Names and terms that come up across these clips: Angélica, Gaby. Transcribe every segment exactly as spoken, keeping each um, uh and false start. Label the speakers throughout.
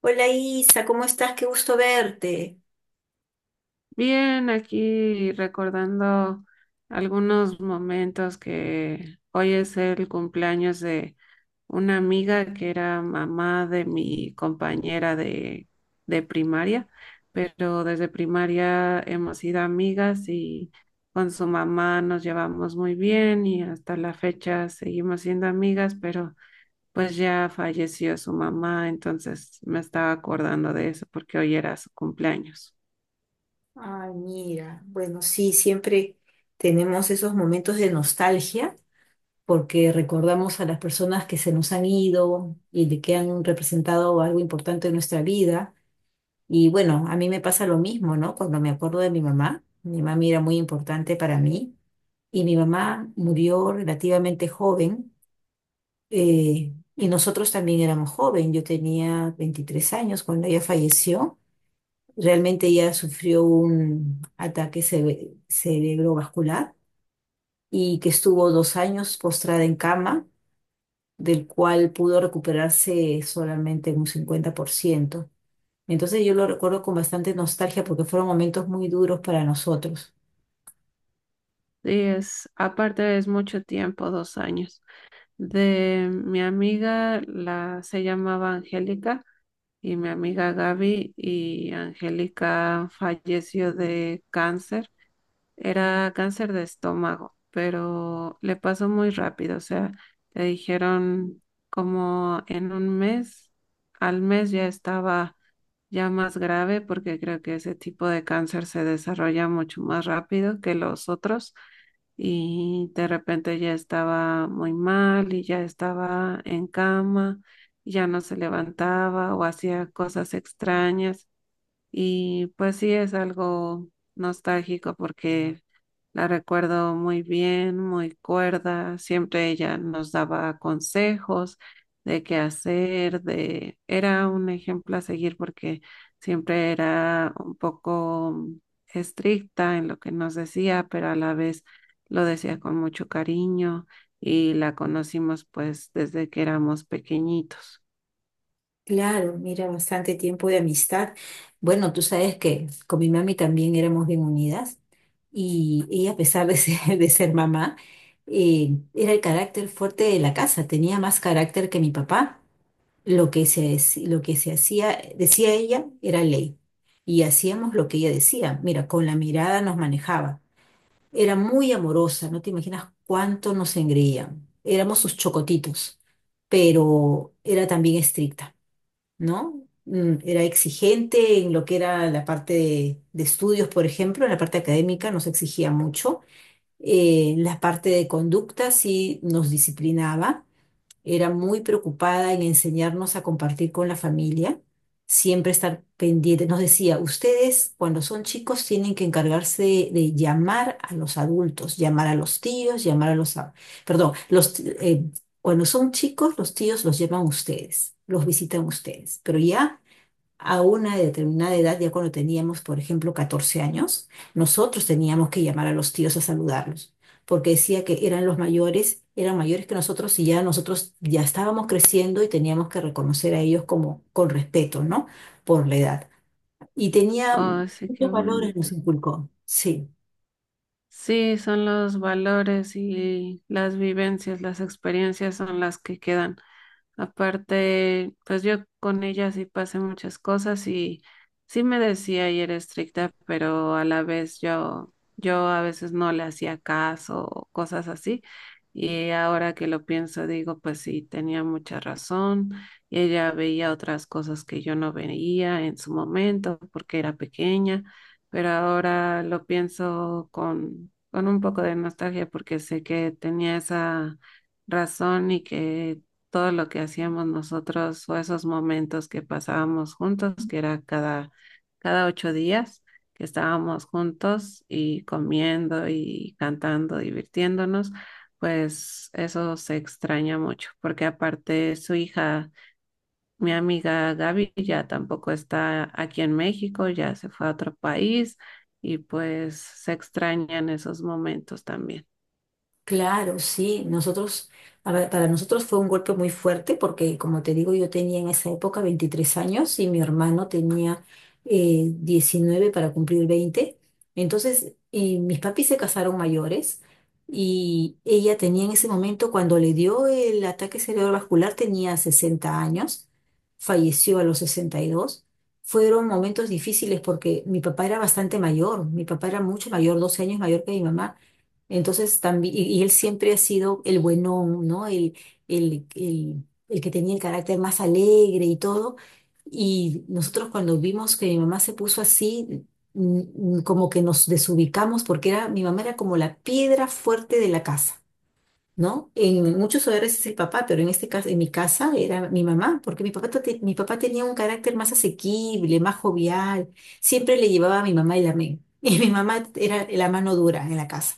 Speaker 1: Hola Isa, ¿cómo estás? Qué gusto verte.
Speaker 2: Bien, aquí recordando algunos momentos que hoy es el cumpleaños de una amiga que era mamá de mi compañera de, de primaria, pero desde primaria hemos sido amigas y con su mamá nos llevamos muy bien y hasta la fecha seguimos siendo amigas, pero pues ya falleció su mamá, entonces me estaba acordando de eso porque hoy era su cumpleaños.
Speaker 1: Ay, mira, bueno, sí, siempre tenemos esos momentos de nostalgia porque recordamos a las personas que se nos han ido y de que han representado algo importante en nuestra vida. Y bueno, a mí me pasa lo mismo, ¿no? Cuando me acuerdo de mi mamá, mi mamá era muy importante para mí y mi mamá murió relativamente joven, eh, y nosotros también éramos joven. Yo tenía veintitrés años cuando ella falleció. Realmente ella sufrió un ataque cere- cerebrovascular y que estuvo dos años postrada en cama, del cual pudo recuperarse solamente en un cincuenta por ciento. Entonces yo lo recuerdo con bastante nostalgia porque fueron momentos muy duros para nosotros.
Speaker 2: Es, aparte es mucho tiempo, dos años. De mi amiga, la se llamaba Angélica y mi amiga Gaby y Angélica falleció de cáncer. Era cáncer de estómago, pero le pasó muy rápido. O sea, le dijeron como en un mes, al mes ya estaba ya más grave, porque creo que ese tipo de cáncer se desarrolla mucho más rápido que los otros. Y de repente ya estaba muy mal y ya estaba en cama, ya no se levantaba o hacía cosas extrañas. Y pues sí es algo nostálgico porque la recuerdo muy bien, muy cuerda. Siempre ella nos daba consejos de qué hacer, de... Era un ejemplo a seguir porque siempre era un poco estricta en lo que nos decía, pero a la vez lo decía con mucho cariño y la conocimos pues desde que éramos pequeñitos.
Speaker 1: Claro, mira, bastante tiempo de amistad. Bueno, tú sabes que con mi mami también éramos bien unidas y ella, a pesar de ser, de ser mamá, eh, era el carácter fuerte de la casa, tenía más carácter que mi papá. Lo que se, dec- lo que se hacía, decía ella, era ley y hacíamos lo que ella decía. Mira, con la mirada nos manejaba. Era muy amorosa, no te imaginas cuánto nos engreían. Éramos sus chocotitos, pero era también estricta, ¿no? Mm, Era exigente en lo que era la parte de, de estudios, por ejemplo, en la parte académica nos exigía mucho. Eh, la parte de conducta sí nos disciplinaba, era muy preocupada en enseñarnos a compartir con la familia, siempre estar pendiente. Nos decía, ustedes cuando son chicos tienen que encargarse de, de llamar a los adultos, llamar a los tíos, llamar a los... a- Perdón, los, t- eh, cuando son chicos los tíos los llaman ustedes, los visitan ustedes, pero ya a una determinada edad, ya cuando teníamos, por ejemplo, catorce años, nosotros teníamos que llamar a los tíos a saludarlos, porque decía que eran los mayores, eran mayores que nosotros y ya nosotros ya estábamos creciendo y teníamos que reconocer a ellos como con respeto, ¿no? Por la edad. Y tenía
Speaker 2: Oh, sí, qué
Speaker 1: muchos valores,
Speaker 2: bonito.
Speaker 1: nos inculcó. Sí.
Speaker 2: Sí, son los valores y las vivencias, las experiencias son las que quedan. Aparte, pues yo con ella sí pasé muchas cosas y sí me decía y era estricta, pero a la vez yo, yo a veces no le hacía caso o cosas así. Y ahora que lo pienso, digo, pues sí, tenía mucha razón. Y ella veía otras cosas que yo no veía en su momento porque era pequeña, pero ahora lo pienso con, con un poco de nostalgia porque sé que tenía esa razón y que todo lo que hacíamos nosotros o esos momentos que pasábamos juntos, que era cada, cada ocho días que estábamos juntos y comiendo y cantando, divirtiéndonos, pues eso se extraña mucho, porque aparte su hija, mi amiga Gaby, ya tampoco está aquí en México, ya se fue a otro país y pues se extrañan esos momentos también.
Speaker 1: Claro, sí. Nosotros, a ver, para nosotros fue un golpe muy fuerte porque, como te digo, yo tenía en esa época veintitrés años y mi hermano tenía eh, diecinueve para cumplir veinte. Entonces, eh, mis papis se casaron mayores y ella tenía en ese momento, cuando le dio el ataque cerebrovascular, tenía sesenta años, falleció a los sesenta y dos. Fueron momentos difíciles porque mi papá era bastante mayor, mi papá era mucho mayor, doce años mayor que mi mamá. Entonces también, y, y él siempre ha sido el buenón, ¿no? El, el, el, el que tenía el carácter más alegre y todo. Y nosotros cuando vimos que mi mamá se puso así, mm, mm, como que nos desubicamos porque era, mi mamá era como la piedra fuerte de la casa, ¿no? En muchos hogares es el papá, pero en este caso, en mi casa era mi mamá, porque mi papá, te- mi papá tenía un carácter más asequible, más jovial, siempre le llevaba a mi mamá el amén, y mi mamá era la mano dura en la casa.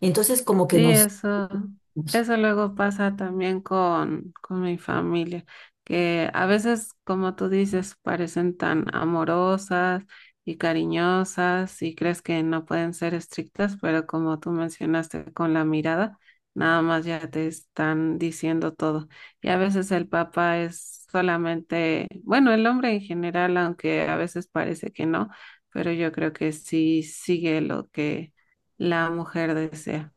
Speaker 1: Entonces, como que
Speaker 2: Sí,
Speaker 1: nos...
Speaker 2: eso,
Speaker 1: nos-
Speaker 2: eso luego pasa también con, con mi familia, que a veces, como tú dices, parecen tan amorosas y cariñosas y crees que no pueden ser estrictas, pero como tú mencionaste con la mirada, nada más ya te están diciendo todo. Y a veces el papá es solamente, bueno, el hombre en general, aunque a veces parece que no, pero yo creo que sí sigue lo que la mujer desea.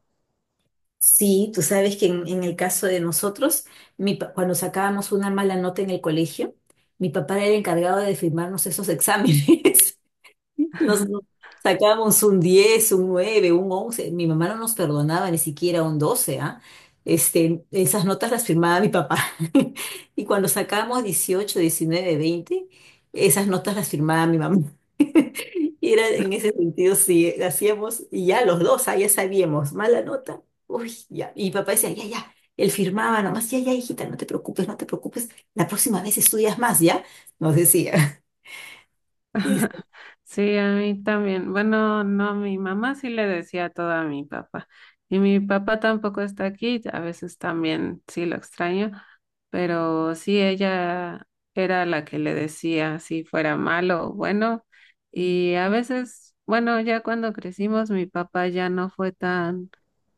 Speaker 1: Sí, tú sabes que en, en el caso de nosotros, mi pa- cuando sacábamos una mala nota en el colegio, mi papá era el encargado de firmarnos esos exámenes. Nos sacábamos un diez, un nueve, un once. Mi mamá no nos perdonaba ni siquiera un doce, ¿ah? Este, esas notas las firmaba mi papá. Y cuando sacábamos dieciocho, diecinueve, veinte, esas notas las firmaba mi mamá. Y era en ese sentido, sí, hacíamos, y ya los dos, ah, ya sabíamos, mala nota, uy, ya. Y mi papá decía, ya, ya, él firmaba nomás, ya, ya, hijita, no te preocupes, no te preocupes, la próxima vez estudias más, ¿ya? Nos decía.
Speaker 2: Sí, a mí también. Bueno, no, mi mamá sí le decía todo a mi papá. Y mi papá tampoco está aquí, a veces también sí lo extraño, pero sí ella era la que le decía si fuera malo o bueno. Y a veces, bueno, ya cuando crecimos, mi papá ya no fue tan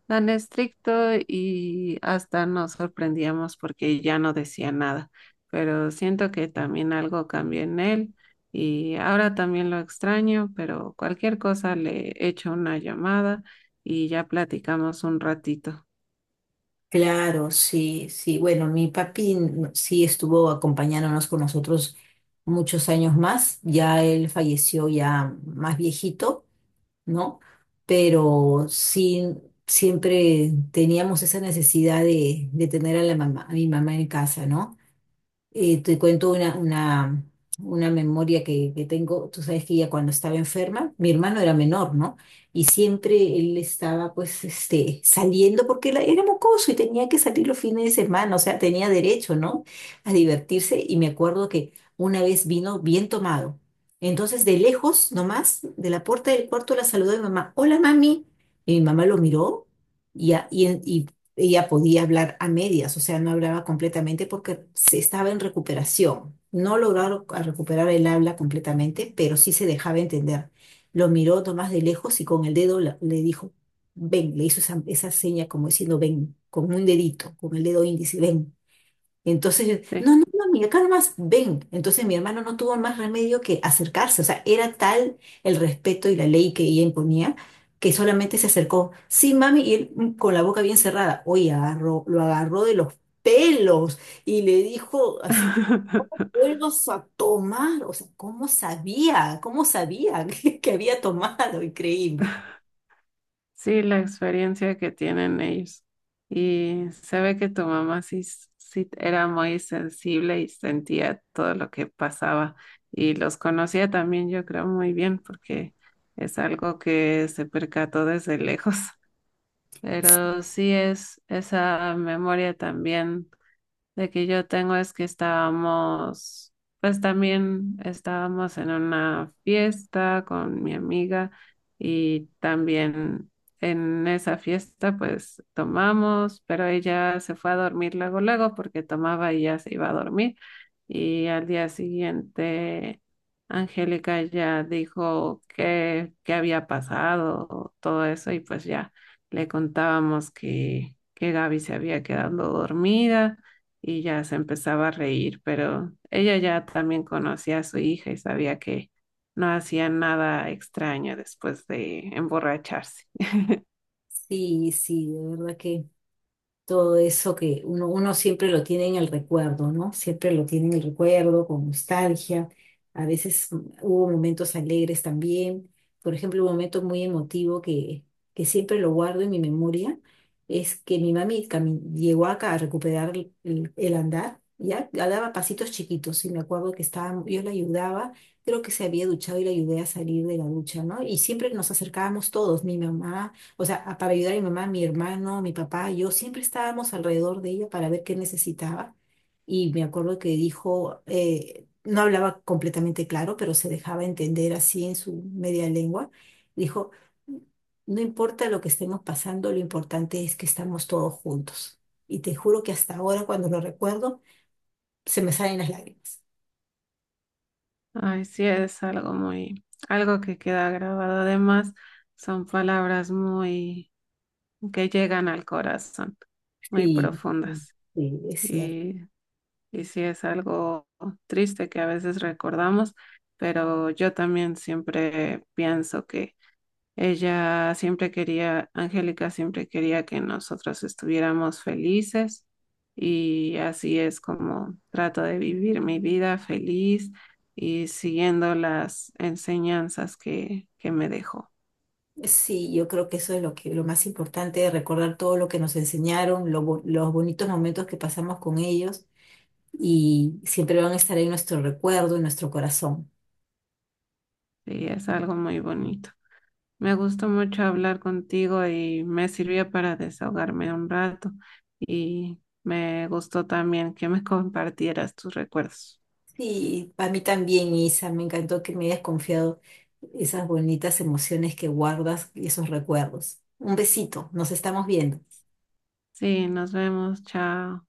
Speaker 2: tan estricto y hasta nos sorprendíamos porque ya no decía nada, pero siento que también algo cambió en él y ahora también lo extraño, pero cualquier cosa le echo una llamada y ya platicamos un ratito.
Speaker 1: Claro, sí, sí. Bueno, mi papi no- sí estuvo acompañándonos con nosotros muchos años más. Ya él falleció ya más viejito, ¿no? Pero sí, siempre teníamos esa necesidad de, de tener a la mamá, a mi mamá en casa, ¿no? Eh, te cuento una, una, una memoria que, que tengo. Tú sabes que ella cuando estaba enferma, mi hermano era menor, ¿no? Y siempre él estaba pues este, saliendo porque él era mocoso y tenía que salir los fines de semana, o sea, tenía derecho, ¿no? A divertirse. Y me acuerdo que una vez vino bien tomado. Entonces, de lejos, nomás, de la puerta del cuarto, la saludó mi mamá. Hola, mami. Y mi mamá lo miró y, a- y, ella podía hablar a medias, o sea, no hablaba completamente porque se estaba en recuperación. No lograron a recuperar el habla completamente, pero sí se dejaba entender. Lo miró Tomás de lejos y con el dedo la- le dijo, ven, le hizo esa, esa seña como diciendo, ven, con un dedito, con el dedo índice, ven. Entonces, yo,
Speaker 2: Sí.
Speaker 1: no, no, no, mi acá nomás, ven. Entonces mi hermano no tuvo más remedio que acercarse. O sea, era tal el respeto y la ley que ella imponía que solamente se acercó. Sí, mami, y él mm, con la boca bien cerrada. Oye, agarró, lo agarró de los pelos y le dijo así, vuelvas a tomar. O sea, ¿cómo sabía? ¿Cómo sabía que, que había tomado? Increíble.
Speaker 2: Sí, la experiencia que tienen ellos. Y se ve que tu mamá sí, s- sí era muy sensible y sentía todo lo que pasaba. Y los conocía también, yo creo, muy bien, porque es algo que se percató desde lejos. Pero sí es esa memoria también de que yo tengo es que estábamos, pues también estábamos en una fiesta con mi amiga y también en esa fiesta pues tomamos, pero ella se fue a dormir luego, luego porque tomaba y ya se iba a dormir y al día siguiente Angélica ya dijo que, qué había pasado, todo eso y pues ya le contábamos que, que Gaby se había quedado dormida y ya se empezaba a reír, pero ella ya también conocía a su hija y sabía que no hacía nada extraño después de emborracharse.
Speaker 1: Sí, sí, de verdad que. Todo eso que uno, uno siempre lo tiene en el recuerdo, ¿no? Siempre lo tiene en el recuerdo, con nostalgia. A veces mm, hubo momentos alegres también. Por ejemplo, un momento muy emotivo que, que, siempre lo guardo en mi memoria es que mi mami cami- llegó acá a recuperar el, el- el andar, ya, ya daba pasitos chiquitos y me acuerdo que estaba, yo la ayudaba, creo que se había duchado y la ayudé a salir de la ducha, ¿no? Y siempre nos acercábamos todos, mi mamá. O sea, a- para ayudar a mi mamá, mi hermano, mi papá, yo siempre estábamos alrededor de ella para ver qué necesitaba. Y me acuerdo que dijo, eh, no hablaba completamente claro, pero se dejaba entender así en su media lengua. Dijo, no importa lo que estemos pasando, lo importante es que estamos todos juntos. Y te juro que hasta ahora, cuando lo recuerdo, se me salen las lágrimas.
Speaker 2: Ay, sí, es algo muy, algo que queda grabado. Además, son palabras muy, que llegan al corazón, muy
Speaker 1: Sí, sí,
Speaker 2: profundas.
Speaker 1: sí, es cierto.
Speaker 2: Y, y sí, es algo triste que a veces recordamos, pero yo también siempre pienso que ella siempre quería, Angélica siempre quería que nosotros estuviéramos felices y así es como trato de vivir mi vida feliz y siguiendo las enseñanzas que, que me dejó.
Speaker 1: Sí, yo creo que eso es lo que lo más importante, recordar todo lo que nos enseñaron, lo bo- los bonitos momentos que pasamos con ellos y siempre van a estar en nuestro recuerdo, en nuestro corazón.
Speaker 2: Y es algo muy bonito. Me gustó mucho hablar contigo y me sirvió para desahogarme un rato y me gustó también que me compartieras tus recuerdos.
Speaker 1: Sí, para mí también, Isa, me encantó que me hayas confiado esas bonitas emociones que guardas y esos recuerdos. Un besito, nos estamos viendo.
Speaker 2: Sí, nos vemos, chao.